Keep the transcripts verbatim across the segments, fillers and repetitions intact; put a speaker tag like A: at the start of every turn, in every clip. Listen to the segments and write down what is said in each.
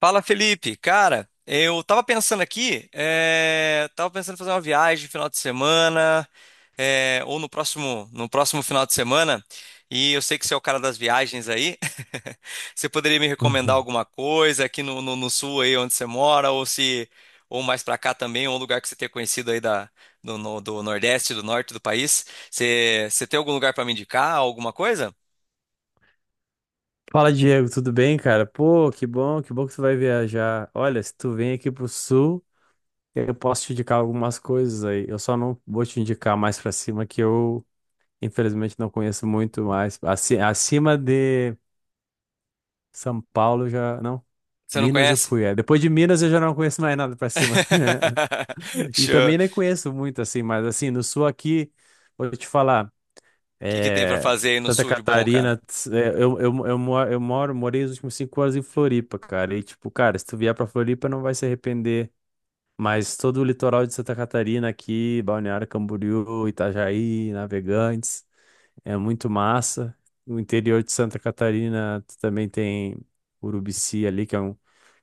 A: Fala, Felipe. Cara, eu tava pensando aqui, eh, tava pensando em fazer uma viagem no final de semana, eh, ou no próximo, no próximo final de semana, e eu sei que você é o cara das viagens aí. Você poderia me recomendar
B: Uhum.
A: alguma coisa aqui no, no, no sul aí onde você mora, ou se, ou mais pra cá também, ou um lugar que você tenha conhecido aí da, do, no- do Nordeste, do norte do país. Você, você tem algum lugar pra me indicar, alguma coisa?
B: Fala, Diego, tudo bem, cara? Pô, que bom, que bom que tu vai viajar. Olha, se tu vem aqui pro sul, eu posso te indicar algumas coisas aí. Eu só não vou te indicar mais pra cima, que eu, infelizmente, não conheço muito mais. Aci- Acima de São Paulo, eu já. Não,
A: Você não
B: Minas eu
A: conhece?
B: fui. É. Depois de Minas, eu já não conheço mais nada pra cima. E
A: Show.
B: também nem conheço muito, assim, mas, assim, no sul aqui, vou te falar.
A: que que tem pra
B: É,
A: fazer aí no
B: Santa
A: sul de bom, cara?
B: Catarina, tss, é, eu, eu, eu, mo- eu moro, morei os últimos cinco anos em Floripa, cara. E tipo, cara, se tu vier pra Floripa, não vai se arrepender. Mas todo o litoral de Santa Catarina aqui, Balneário Camboriú, Itajaí, Navegantes, é muito massa. O interior de Santa Catarina tu também tem Urubici ali, que é um,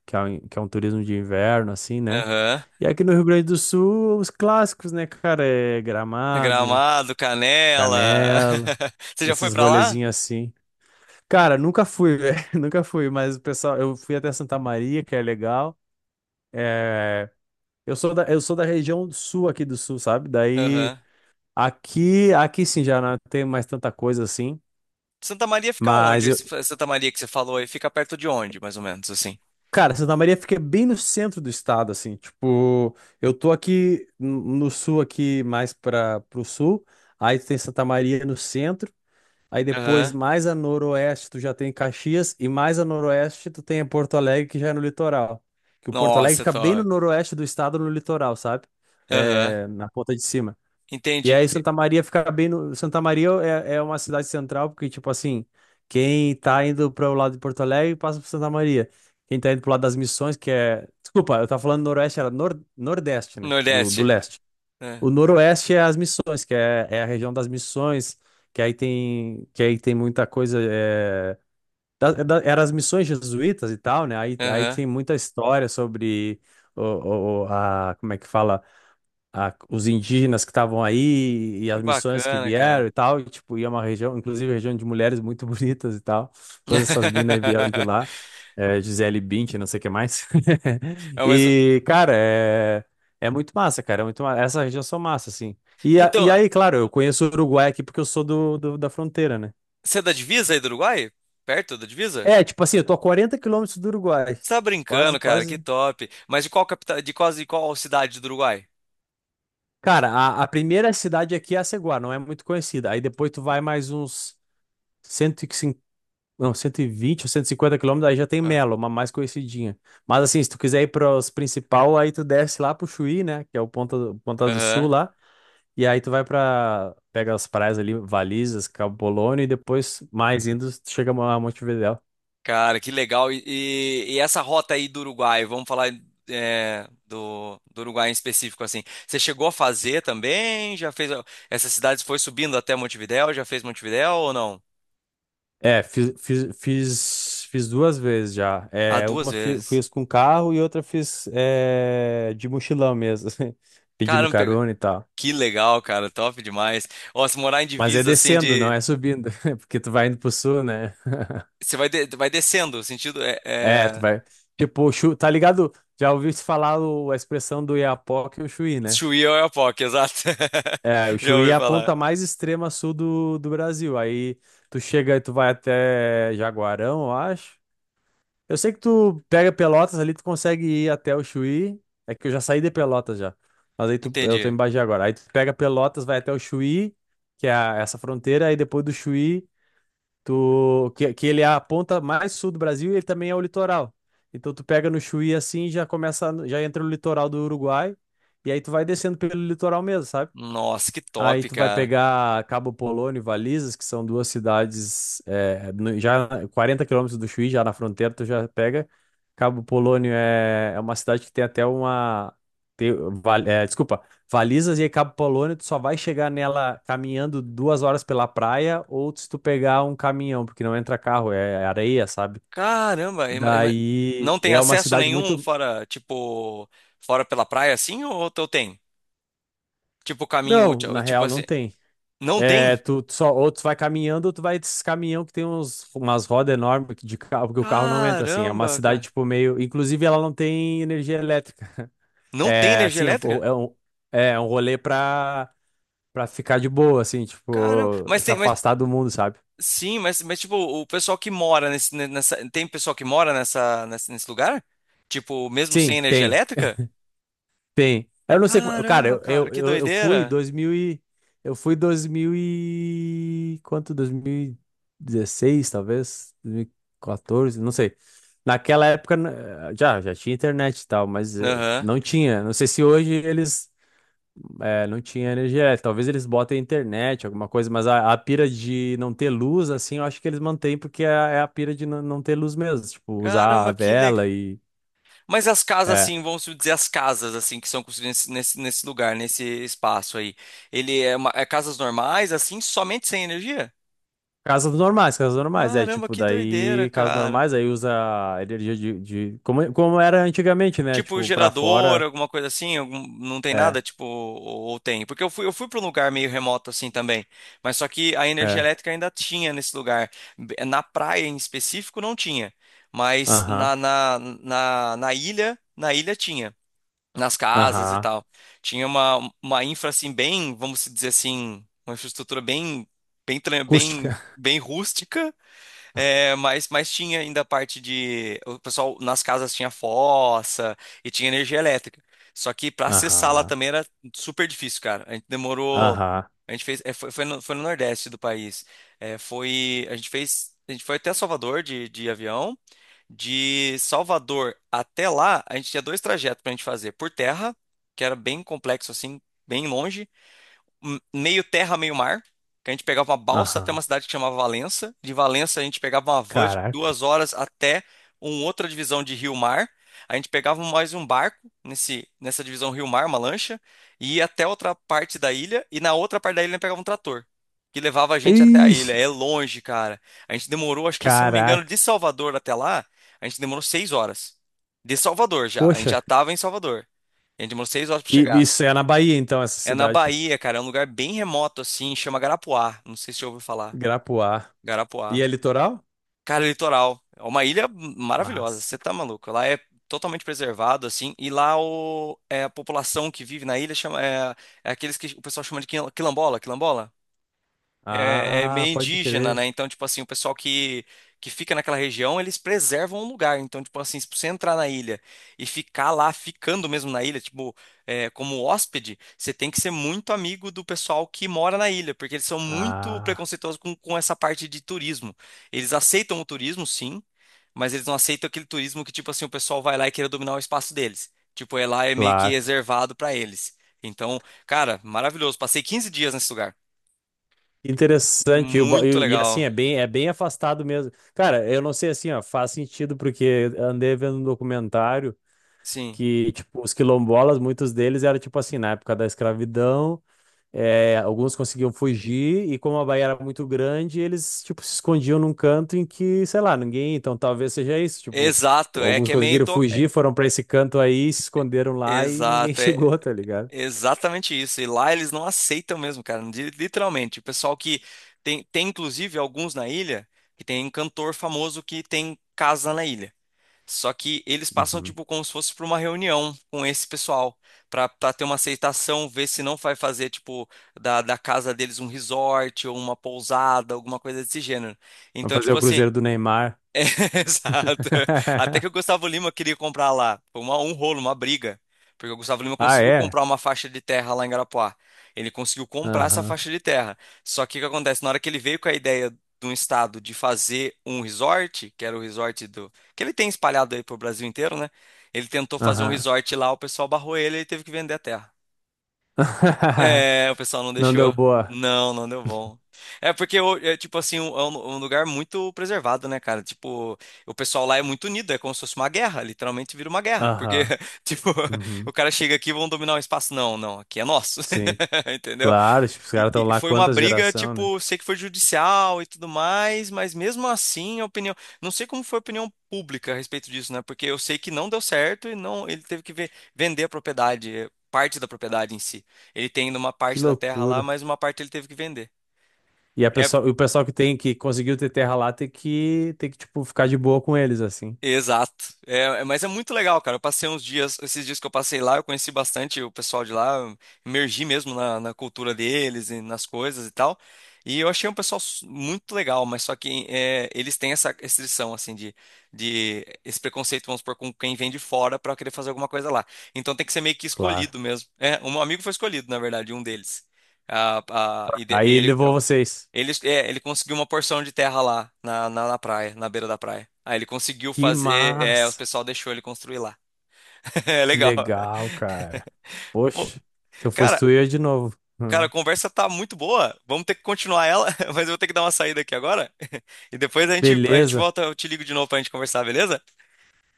B: que é um, que é um turismo de inverno, assim, né?
A: Aham.
B: E aqui no Rio Grande do Sul, os clássicos, né, cara? É Gramado,
A: Gramado, Canela.
B: Canela.
A: Você já foi
B: Esses
A: pra lá?
B: rolezinhos assim. Cara, nunca fui, velho. Nunca fui, mas o pessoal, eu fui até Santa Maria, que é legal. É, eu sou da, eu sou da região sul aqui do sul, sabe? Daí
A: Aham.
B: aqui, aqui sim já não tem mais tanta coisa assim.
A: Santa Maria fica onde?
B: Mas eu,
A: Esse- Santa Maria que você falou aí fica perto de onde, mais ou menos, assim?
B: cara, Santa Maria fica bem no centro do estado, assim. Tipo, eu tô aqui no no sul, aqui mais para pro sul. Aí tem Santa Maria no centro. Aí depois,
A: Aham.
B: mais a noroeste, tu já tem Caxias, e mais a noroeste, tu tem Porto Alegre, que já é no litoral. Que o Porto Alegre
A: Nossa,
B: fica bem no
A: top.
B: noroeste do estado, no litoral, sabe?
A: Aham.
B: É, na ponta de cima. E
A: Entendi.
B: aí Santa Maria fica bem no. Santa Maria é, é uma cidade central, porque, tipo assim, quem tá indo para o lado de Porto Alegre passa por Santa Maria. Quem tá indo pro lado das Missões, que é. Desculpa, eu tava falando noroeste, era nor... nordeste, né? Do, do
A: Nordeste.
B: leste.
A: É.
B: O Noroeste é as missões, que é, é a região das missões, que aí tem, que aí tem muita coisa. É, da, é da- era as missões jesuítas e tal, né? Aí, aí
A: Aham.
B: tem muita história sobre o, o- o- a, como é que fala? A- os indígenas que estavam aí e
A: Que
B: as missões que
A: bacana,
B: vieram
A: cara.
B: e tal, e, tipo, ia uma região, inclusive região de mulheres muito bonitas e tal. Todas essas minas aí vieram de lá, é, Gisele Bündchen, não sei o que mais.
A: É, mas-
B: E, cara, é, é muito massa, cara, é muito massa. Essa região são massa, assim. E, a- e
A: Então,
B: aí, claro, eu conheço o Uruguai aqui porque eu sou do, do- da fronteira, né?
A: você é da divisa aí do Uruguai? Perto da divisa?
B: É, tipo assim, eu tô a quarenta quilômetros do Uruguai.
A: Você tá
B: Quase,
A: brincando, cara, que
B: quase.
A: top. Mas de qual capital, de quase de qual cidade do Uruguai?
B: Cara, a, a primeira cidade aqui é a Aceguá, não é muito conhecida. Aí depois tu vai mais uns cento e cinquenta. Não, cento e vinte ou cento e cinquenta quilômetros, aí já tem
A: Ah.
B: Melo, uma mais conhecidinha. Mas assim, se tu quiser ir para os principal, aí tu desce lá pro Chuí, né? Que é o Ponta do, Ponta do Sul
A: Aham.
B: lá. E aí tu vai pra. Pega as praias ali, Valizas, Cabo Polônio, e depois, mais indo, tu chega a Montevidéu.
A: Cara, que legal. E, e- e essa rota aí do Uruguai, vamos falar é, do, do Uruguai em específico, assim. Você chegou a fazer também? Já fez. a- Essas cidades foi subindo até Montevidéu? Já fez Montevidéu ou não?
B: É, fiz, fiz, fiz, fiz duas vezes já.
A: Ah,
B: É,
A: duas
B: uma fi-
A: vezes.
B: fiz com carro e outra fiz é, de mochilão mesmo, pedindo
A: Caramba, pega-
B: carona e tal.
A: que legal, cara. Top demais. Ó, se morar em
B: Mas é
A: divisa, assim,
B: descendo, não
A: de.
B: é subindo, porque tu vai indo pro sul, né?
A: Você vai, de- vai descendo, sentido. É,
B: É, tu
A: é...
B: vai. Tipo, chu- tá ligado? Já ouviu se falar o- a expressão do Iapoque e o Chuí, né?
A: Chuí ou Oiapoque, exato.
B: É, o
A: Já
B: Chuí é
A: ouvi
B: a
A: falar.
B: ponta mais extrema sul do, do Brasil. Aí tu chega e tu vai até Jaguarão, eu acho. Eu sei que tu pega Pelotas ali, tu consegue ir até o Chuí. É que eu já saí de Pelotas já. Mas aí tu, eu tô em
A: Entendi.
B: Bagé agora. Aí tu pega Pelotas, vai até o Chuí, que é a- essa fronteira. Aí depois do Chuí. Tu, que, que ele é a ponta mais sul do Brasil e ele também é o litoral. Então tu pega no Chuí assim e já começa, já entra no litoral do Uruguai e aí tu vai descendo pelo litoral mesmo, sabe?
A: Nossa, que
B: Aí
A: top,
B: tu vai
A: cara.
B: pegar Cabo Polônio e Valizas, que são duas cidades é, no- já quarenta quilômetros do Chuí, já na fronteira, tu já pega. Cabo Polônio é, é uma cidade que tem até uma. tem- Val- é, desculpa, Valizas e Cabo Polônio, tu só vai chegar nela caminhando duas horas pela praia ou se tu pegar um caminhão, porque não entra carro, é é areia, sabe?
A: Caramba, e ma- e ma-
B: Daí
A: Não tem
B: é uma
A: acesso
B: cidade
A: nenhum
B: muito.
A: fora, tipo, fora pela praia assim ou tu tem? Tipo caminho,
B: Não,
A: ti-
B: na
A: tipo
B: real, não
A: assim,
B: tem.
A: não tem?
B: É, tu, tu só, ou tu vai caminhando, ou tu vai desses caminhão que tem uns, umas rodas enormes que de carro, porque o carro não entra, assim. É uma
A: Caramba,
B: cidade,
A: cara.
B: tipo, meio. Inclusive, ela não tem energia elétrica.
A: Não tem
B: É,
A: energia
B: assim, é um,
A: elétrica?
B: é um é um rolê pra, pra ficar de boa, assim,
A: Caramba,
B: tipo,
A: mas
B: se
A: tem, mas
B: afastar do mundo, sabe?
A: sim, mas mas tipo, o pessoal que mora nesse ne- nessa tem pessoal que mora nessa nesse, nesse lugar? Tipo, mesmo
B: Sim,
A: sem energia
B: tem.
A: elétrica?
B: Tem. Eu não sei como. Cara,
A: Caramba,
B: eu,
A: cara,
B: eu,
A: que
B: eu eu fui
A: doideira.
B: dois mil e. Eu fui dois mil e. Quanto? dois mil e dezesseis, talvez? dois mil e quatorze, não sei. Naquela época né, já, já tinha internet e tal, mas eh,
A: Aham.
B: não tinha. Não sei se hoje eles. eh, não tinha energia elétrica. Talvez eles botem internet, alguma coisa, mas a, a pira de não ter luz, assim, eu acho que eles mantêm, porque é, é a pira de não, não ter luz mesmo. Tipo, usar a
A: Caramba, que legal.
B: vela e.
A: Mas as casas,
B: é,
A: assim, vamos dizer, as casas, assim, que são construídas nesse, nesse lugar, nesse espaço aí, ele é, uma- é casas normais, assim, somente sem energia?
B: Casas normais, casas normais. É,
A: Caramba,
B: tipo,
A: que doideira,
B: daí, casas
A: cara.
B: normais, aí usa energia de, de- como, como era antigamente, né?
A: Tipo,
B: Tipo, pra
A: gerador,
B: fora.
A: alguma coisa assim, algum- não tem nada,
B: É,
A: tipo, ou, ou tem? Porque eu fui, eu fui para um lugar meio remoto, assim, também, mas só que a energia
B: é.
A: elétrica ainda tinha nesse lugar. B- Na praia, em específico, não tinha, mas
B: Aham,
A: na, na, na, na ilha, na ilha tinha. Nas casas e
B: aham.
A: tal. Tinha uma, uma infra assim bem, vamos dizer assim, uma infraestrutura bem bem tran- bem
B: Acústica.
A: bem rústica, é, mas mas tinha ainda a parte de o pessoal nas casas tinha fossa e tinha energia elétrica. Só que para acessar lá
B: Aham,
A: também era super difícil, cara. A gente demorou,
B: aham,
A: a gente fez, é, foi, foi no, foi no Nordeste do país. É, foi, a gente fez, a gente foi até Salvador de, de avião. De Salvador até lá, a gente tinha dois trajetos para a gente fazer. Por terra, que era bem complexo assim, bem longe meio terra, meio mar. Que a gente pegava uma balsa até
B: aham.
A: uma cidade que chamava Valença. De Valença a gente pegava uma van de
B: Caraca.
A: duas horas até uma outra divisão de rio-mar. A gente pegava mais um barco nesse, nessa divisão rio-mar, uma lancha, e ia até outra parte da ilha. E na outra parte da ilha a gente pegava um trator, que levava a gente até a ilha.
B: Ixi,
A: É longe, cara. A gente demorou, acho que, se eu não me engano,
B: caraca.
A: de Salvador até lá, a gente demorou seis horas. De Salvador já. A gente
B: Poxa.
A: já estava em Salvador. A gente demorou seis horas para
B: E
A: chegar.
B: isso é na Bahia, então, essa
A: É na
B: cidade.
A: Bahia, cara. É um lugar bem remoto, assim. Chama Garapuá. Não sei se você já ouviu falar.
B: Grapuá. E
A: Garapuá.
B: é litoral?
A: Cara, litoral. É uma ilha maravilhosa. Você
B: Mas.
A: tá maluco? Lá é totalmente preservado, assim. E lá o, é, a população que vive na ilha chama, é, é aqueles que o pessoal chama de quil- quilombola. Quilombola? É, é
B: Ah,
A: meio
B: pode
A: indígena, né?
B: crer.
A: Então, tipo assim, o pessoal que, que fica naquela região, eles preservam o lugar. Então, tipo assim, se você entrar na ilha e ficar lá, ficando mesmo na ilha, tipo, é, como hóspede, você tem que ser muito amigo do pessoal que mora na ilha, porque eles são muito
B: Ah,
A: preconceituosos com, com essa parte de turismo. Eles aceitam o turismo, sim, mas eles não aceitam aquele turismo que, tipo assim, o pessoal vai lá e queira dominar o espaço deles. Tipo, é lá é meio que
B: claro.
A: reservado pra eles. Então, cara, maravilhoso. Passei quinze dias nesse lugar.
B: Interessante, e, o ba-
A: Muito
B: e- e, assim,
A: legal.
B: é bem, é bem afastado mesmo. Cara, eu não sei assim, ó, faz sentido porque andei vendo um documentário
A: Sim.
B: que, tipo, os quilombolas, muitos deles eram, tipo assim, na época da escravidão, é, alguns conseguiam fugir e como a Bahia era muito grande, eles, tipo, se escondiam num canto em que, sei lá, ninguém, então talvez seja isso, tipo,
A: Exato, é
B: alguns
A: que é meio
B: conseguiram
A: into... é-
B: fugir, foram pra esse canto aí, se esconderam lá e ninguém
A: Exato, é
B: chegou, tá ligado?
A: exatamente isso. E lá eles não aceitam mesmo, cara, li- literalmente. O pessoal que tem tem inclusive alguns na ilha que tem um cantor famoso que tem casa na ilha. Só que eles passam
B: Uhum.
A: tipo como se fosse para uma reunião com esse pessoal, para ter uma aceitação, ver se não vai fazer tipo da, da casa deles um resort ou uma pousada, alguma coisa desse gênero.
B: Vamos
A: Então,
B: fazer
A: tipo
B: o
A: assim,
B: Cruzeiro do Neymar.
A: Exato. Até que o Gustavo Lima queria comprar lá. Foi uma- um rolo, uma briga. Porque o Gustavo Lima
B: Ah,
A: conseguiu
B: é?
A: comprar uma faixa de terra lá em Garapuá. Ele conseguiu comprar essa
B: Aham,
A: faixa de terra. Só que o que acontece? Na hora que ele veio com a ideia de um estado de fazer um resort, que era o resort do. Que ele tem espalhado aí pro Brasil inteiro, né? Ele tentou fazer um
B: aham.
A: resort lá, o pessoal barrou ele e ele teve que vender a terra. É, o pessoal não
B: Não deu
A: deixou.
B: boa.
A: Não, não deu bom. É porque, o- é, tipo assim, um- é um, um lugar muito preservado, né, cara? Tipo, o pessoal lá é muito unido, é como se fosse uma guerra, literalmente vira uma guerra. Porque,
B: Aham,
A: tipo,
B: uhum.
A: o cara chega aqui e vão dominar o espaço. Não, não, aqui é nosso.
B: Sim.
A: Entendeu?
B: Claro, tipo, os caras
A: E,
B: estão
A: e
B: lá
A: foi uma
B: quantas
A: briga,
B: geração, né?
A: tipo, sei que foi judicial e tudo mais, mas mesmo assim a opinião. Não sei como foi a opinião pública a respeito disso, né? Porque eu sei que não deu certo e não, ele teve que ve- vender a propriedade, eh, parte da propriedade em si. Ele tem ainda uma
B: Que
A: parte da terra lá,
B: loucura.
A: mas uma parte ele teve que vender.
B: E a
A: É.
B: pessoa, e o pessoal que tem que conseguiu ter terra lá tem que tem que tipo ficar de boa com eles assim.
A: Exato. É, é- mas é muito legal, cara. Eu passei uns dias, esses dias que eu passei lá, eu conheci bastante o pessoal de lá, eu imergi mesmo na, na cultura deles e nas coisas e tal. E eu achei um pessoal su- muito legal, mas só que é, eles têm essa restrição, assim, de, de esse preconceito, vamos supor, com quem vem de fora pra querer fazer alguma coisa lá. Então tem que ser meio que
B: Claro.
A: escolhido mesmo. É, um amigo foi escolhido, na verdade, um deles. Ah, ah, e de-
B: Aí
A: ele,
B: levou vocês.
A: ele, é, ele conseguiu uma porção de terra lá, na, na, na praia, na beira da praia. Aí ele conseguiu
B: Que
A: fazer, é, o
B: massa.
A: pessoal deixou ele construir lá. É
B: Que
A: legal.
B: legal, cara.
A: Ô,
B: Poxa, se eu fosse
A: cara,
B: tu, eu ia de novo.
A: cara, a
B: Hum.
A: conversa tá muito boa. Vamos ter que continuar ela, mas eu vou ter que dar uma saída aqui agora. E depois a gente, a gente
B: Beleza.
A: volta, eu te ligo de novo pra gente conversar, beleza?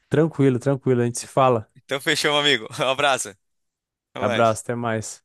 B: Tranquilo, tranquilo. A gente se fala.
A: Então fechou, meu amigo. Um abraço. Até mais.
B: Abraço, até mais.